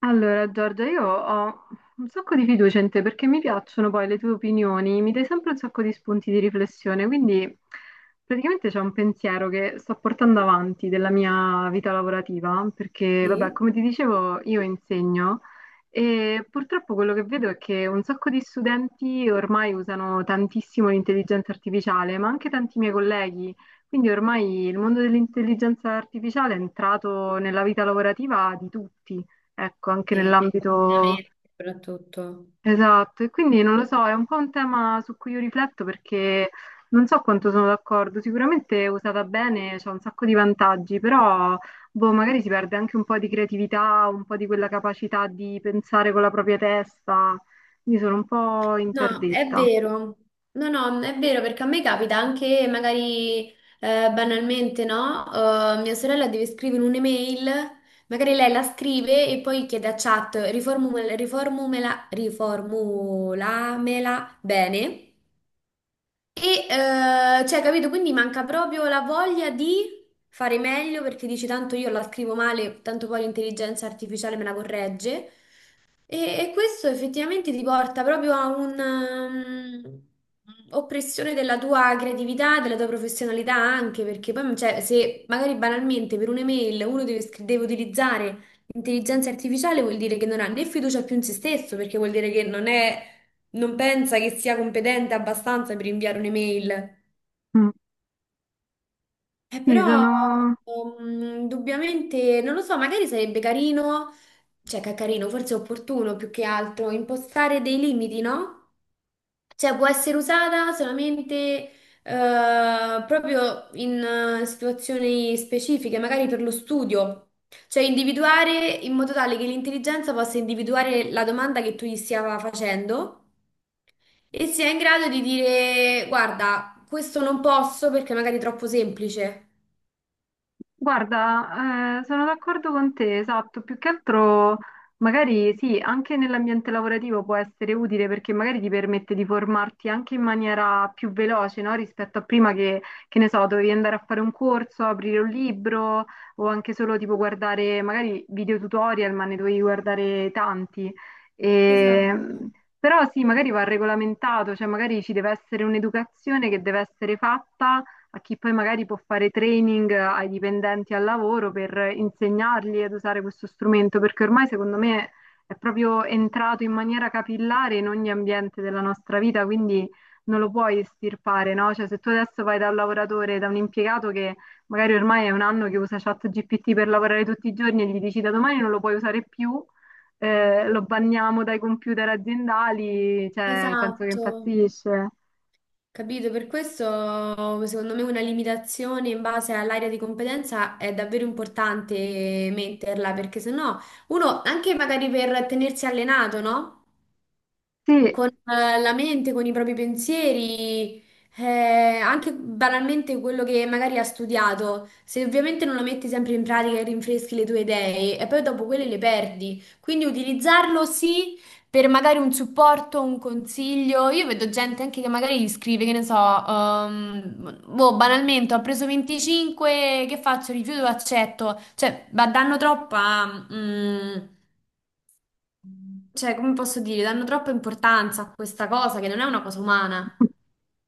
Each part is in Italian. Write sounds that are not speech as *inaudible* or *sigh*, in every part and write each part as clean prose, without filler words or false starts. Allora, Giorgia, io ho un sacco di fiducia in te perché mi piacciono poi le tue opinioni, mi dai sempre un sacco di spunti di riflessione, quindi praticamente c'è un pensiero che sto portando avanti della mia vita lavorativa, perché vabbè, Sì. come ti dicevo, io insegno e purtroppo quello che vedo è che un sacco di studenti ormai usano tantissimo l'intelligenza artificiale, ma anche tanti miei colleghi, quindi ormai il mondo dell'intelligenza artificiale è entrato nella vita lavorativa di tutti ecco, anche Sì, e nell'ambito confinamento soprattutto. esatto. E quindi non lo so, è un po' un tema su cui io rifletto perché non so quanto sono d'accordo. Sicuramente usata bene c'è un sacco di vantaggi, però boh, magari si perde anche un po' di creatività, un po' di quella capacità di pensare con la propria testa. Quindi sono un po' No, è interdetta. vero. No, no, è vero perché a me capita anche magari banalmente, no? Mia sorella deve scrivere un'email, magari lei la scrive e poi chiede a chat riformulamela bene. E, cioè, capito? Quindi manca proprio la voglia di fare meglio perché dici tanto io la scrivo male, tanto poi l'intelligenza artificiale me la corregge. E questo effettivamente ti porta proprio a un'oppressione della tua creatività, della tua professionalità anche, perché poi cioè, se magari banalmente per un'email uno deve utilizzare l'intelligenza artificiale vuol dire che non ha né fiducia più in se stesso, perché vuol dire che non pensa che sia competente abbastanza per inviare un'email. Mm. Sì, Però, sono indubbiamente, non lo so, magari sarebbe carino, cioè che è carino, forse è opportuno più che altro, impostare dei limiti, no? Cioè può essere usata solamente proprio in situazioni specifiche, magari per lo studio. Cioè individuare in modo tale che l'intelligenza possa individuare la domanda che tu gli stia facendo. E si è in grado di dire: guarda, questo non posso perché magari è troppo semplice. guarda, sono d'accordo con te, esatto, più che altro magari sì, anche nell'ambiente lavorativo può essere utile perché magari ti permette di formarti anche in maniera più veloce, no? Rispetto a prima che ne so, dovevi andare a fare un corso, aprire un libro o anche solo tipo guardare magari video tutorial, ma ne dovevi guardare tanti. E, Esatto, però sì, magari va regolamentato, cioè magari ci deve essere un'educazione che deve essere fatta a chi poi magari può fare training ai dipendenti al lavoro per insegnargli ad usare questo strumento, perché ormai secondo me è proprio entrato in maniera capillare in ogni ambiente della nostra vita, quindi non lo puoi estirpare, no? Cioè, se tu adesso vai da un lavoratore, da un impiegato che magari ormai è un anno che usa ChatGPT per lavorare tutti i giorni e gli dici da domani non lo puoi usare più, lo banniamo dai computer aziendali, cioè, penso che esatto. impazzisce. Capito? Per questo, secondo me, una limitazione in base all'area di competenza è davvero importante metterla, perché sennò uno, anche magari per tenersi allenato, no? Sì. Con la mente, con i propri pensieri, anche banalmente quello che magari ha studiato. Se ovviamente non lo metti sempre in pratica e rinfreschi le tue idee, e poi dopo quelle le perdi. Quindi utilizzarlo sì, per magari un supporto, un consiglio. Io vedo gente anche che magari gli scrive, che ne so, boh, banalmente ho preso 25, che faccio? Rifiuto o accetto? Cioè, danno troppa, cioè, come posso dire, danno troppa importanza a questa cosa che non è una cosa umana.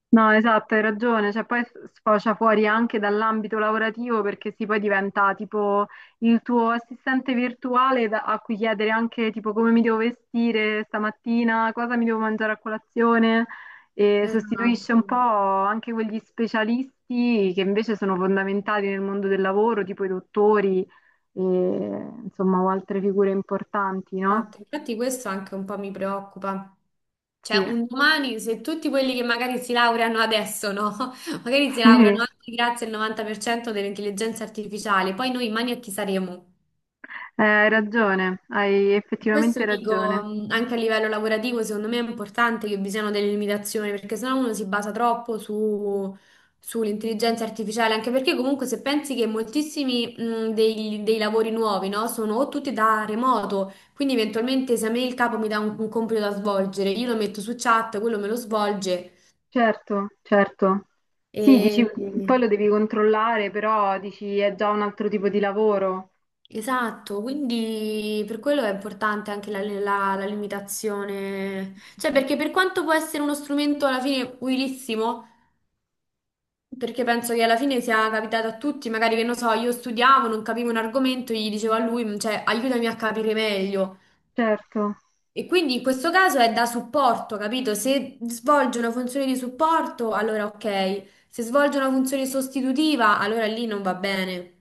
No, esatto, hai ragione, cioè poi sfocia fuori anche dall'ambito lavorativo perché sì, poi diventa tipo il tuo assistente virtuale a cui chiedere anche tipo come mi devo vestire stamattina, cosa mi devo mangiare a colazione e sostituisce un po' Esatto. anche quegli specialisti che invece sono fondamentali nel mondo del lavoro, tipo i dottori e insomma o altre figure importanti, no? Esatto. Infatti questo anche un po' mi preoccupa. Sì, Cioè, *laughs* un domani, se tutti quelli che magari si laureano adesso, no? *laughs* Magari si sì, laureano anche grazie al 90% dell'intelligenza artificiale, poi noi in mano a chi saremo? hai ragione, hai Questo effettivamente dico ragione. Anche a livello lavorativo, secondo me è importante che vi siano delle limitazioni, perché sennò uno si basa troppo sull'intelligenza artificiale, anche perché comunque se pensi che moltissimi dei lavori nuovi, no, sono o tutti da remoto, quindi eventualmente se a me il capo mi dà un compito da svolgere, io lo metto su chat, quello me lo svolge. Certo, certo. Sì, dici, E... poi lo devi controllare, però dici è già un altro tipo di lavoro. Esatto, quindi per quello è importante anche la limitazione, cioè, perché per quanto può essere uno strumento alla fine utilissimo, perché penso che alla fine sia capitato a tutti, magari che non so, io studiavo, non capivo un argomento, gli dicevo a lui: cioè aiutami a capire meglio. Certo. E quindi in questo caso è da supporto, capito? Se svolge una funzione di supporto, allora ok; se svolge una funzione sostitutiva, allora lì non va bene.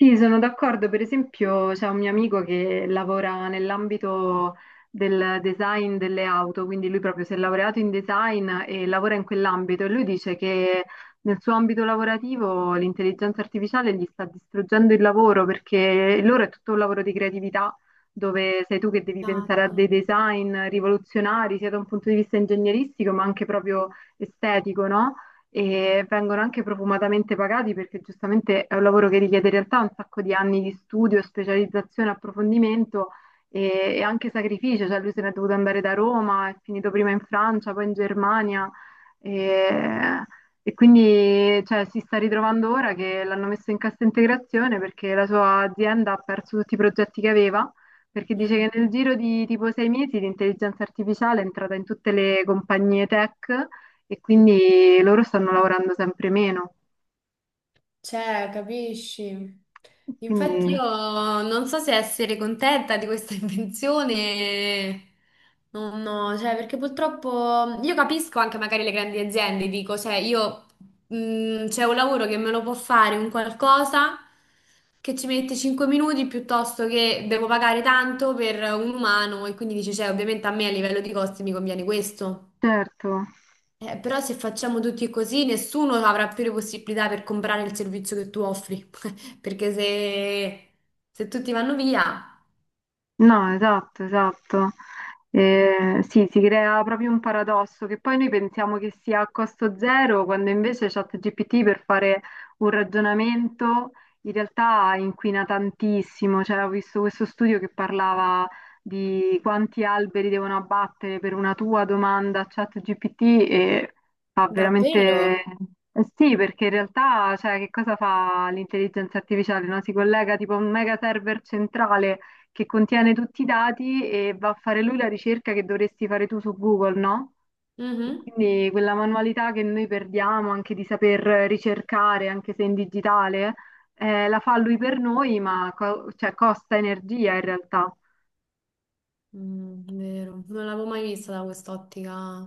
Sì, sono d'accordo. Per esempio, c'è un mio amico che lavora nell'ambito del design delle auto, quindi lui proprio si è laureato in design e lavora in quell'ambito e lui dice che nel suo ambito lavorativo l'intelligenza artificiale gli sta distruggendo il lavoro perché il loro è tutto un lavoro di creatività dove sei tu che devi pensare a Esatto. dei design rivoluzionari sia da un punto di vista ingegneristico ma anche proprio estetico, no? E vengono anche profumatamente pagati perché giustamente è un lavoro che richiede in realtà un sacco di anni di studio, specializzazione, approfondimento e anche sacrificio, cioè lui se n'è dovuto andare da Roma, è finito prima in Francia, poi in Germania e, e quindi cioè, si sta ritrovando ora che l'hanno messo in cassa integrazione perché la sua azienda ha perso tutti i progetti che aveva. Perché dice che Mm. nel giro di tipo sei mesi l'intelligenza artificiale è entrata in tutte le compagnie tech e quindi loro stanno lavorando sempre meno. Cioè, capisci? Infatti Quindi, io non so se essere contenta di questa *laughs* invenzione. Non no, cioè, perché purtroppo io capisco anche magari le grandi aziende, dico, cioè, io c'è un lavoro che me lo può fare un qualcosa che ci mette 5 minuti piuttosto che devo pagare tanto per un umano, e quindi dici, cioè, ovviamente a me a livello di costi mi conviene questo. certo. Però se facciamo tutti così, nessuno avrà più le possibilità per comprare il servizio che tu offri. *laughs* Perché se tutti vanno via. No, esatto, esatto. Sì, si crea proprio un paradosso che poi noi pensiamo che sia a costo zero, quando invece ChatGPT per fare un ragionamento in realtà inquina tantissimo. Cioè, ho visto questo studio che parlava di quanti alberi devono abbattere per una tua domanda a ChatGPT e fa veramente... Davvero? Eh sì, perché in realtà, cioè, che cosa fa l'intelligenza artificiale, no? Si collega tipo a un mega server centrale che contiene tutti i dati e va a fare lui la ricerca che dovresti fare tu su Google, no? E Mhm. quindi quella manualità che noi perdiamo anche di saper ricercare, anche se in digitale, la fa lui per noi, ma cioè, costa energia in realtà. Vero, non l'avevo mai vista da quest'ottica.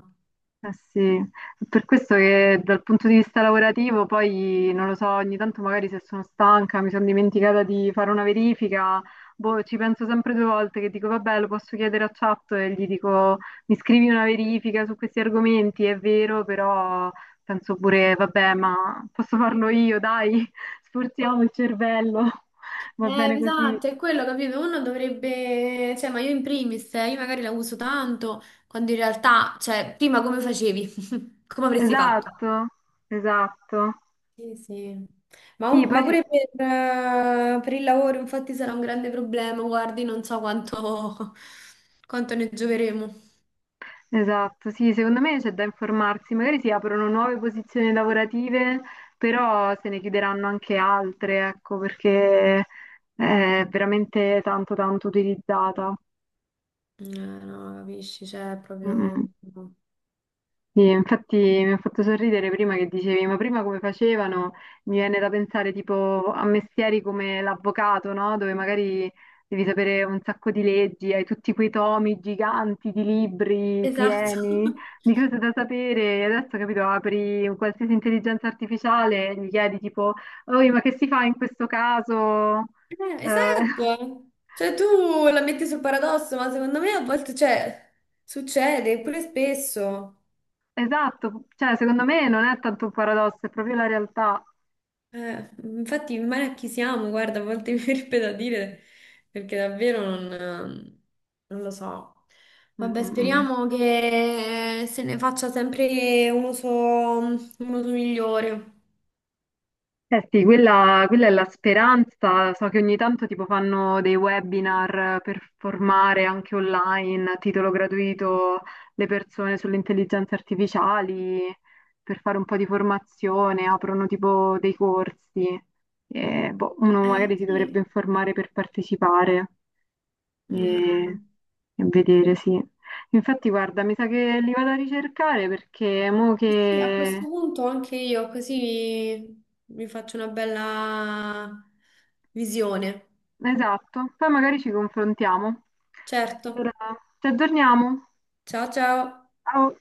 Eh sì, per questo che dal punto di vista lavorativo poi non lo so, ogni tanto magari se sono stanca, mi sono dimenticata di fare una verifica, boh, ci penso sempre due volte che dico vabbè, lo posso chiedere a chat e gli dico mi scrivi una verifica su questi argomenti, è vero, però penso pure vabbè, ma posso farlo io, dai, *laughs* sforziamo il cervello, *laughs* va Eh, bene così. esatto, è quello, capito? Uno dovrebbe, cioè, ma io in primis, io magari la uso tanto, quando in realtà, cioè, prima come facevi? *laughs* Come avresti fatto? Esatto, esatto. Sì, sì. Sì, Ma poi... pure per il lavoro, infatti, sarà un grande problema. Guardi, non so quanto, *laughs* quanto ne gioveremo. Esatto, sì, secondo me c'è da informarsi, magari si aprono nuove posizioni lavorative, però se ne chiuderanno anche altre, ecco, perché è veramente tanto tanto utilizzata. No, capisci, cioè, è Mm. proprio. Mm. No. Sì, infatti mi ha fatto sorridere prima che dicevi, ma prima come facevano? Mi viene da pensare tipo a mestieri come l'avvocato, no? Dove magari devi sapere un sacco di leggi, hai tutti quei tomi giganti di libri Esatto. pieni *laughs* di cose da sapere. E adesso, capito, apri un qualsiasi intelligenza artificiale e gli chiedi tipo, oi, ma che si fa in questo caso? Eh, *laughs* esatto. Cioè, tu la metti sul paradosso, ma secondo me a volte, cioè, succede, pure spesso. esatto, cioè secondo me non è tanto un paradosso, è proprio la realtà. Infatti, male a chi siamo, guarda, a volte mi *laughs* verrebbe da dire, perché davvero non lo so. Mm, Vabbè, mm, mm. speriamo che se ne faccia sempre un uso migliore. Eh sì, quella, quella è la speranza. So che ogni tanto tipo fanno dei webinar per formare anche online a titolo gratuito le persone sulle intelligenze artificiali, per fare un po' di formazione, aprono tipo dei corsi. E, boh, uno magari si dovrebbe Sì. informare per partecipare e, Eh, e vedere, sì. Infatti, guarda, mi sa che li vado a ricercare perché mo eh sì, a questo punto anche io così mi faccio una bella visione. Esatto, poi magari ci confrontiamo. Certo. Allora, ci aggiorniamo. Ciao ciao. Ciao.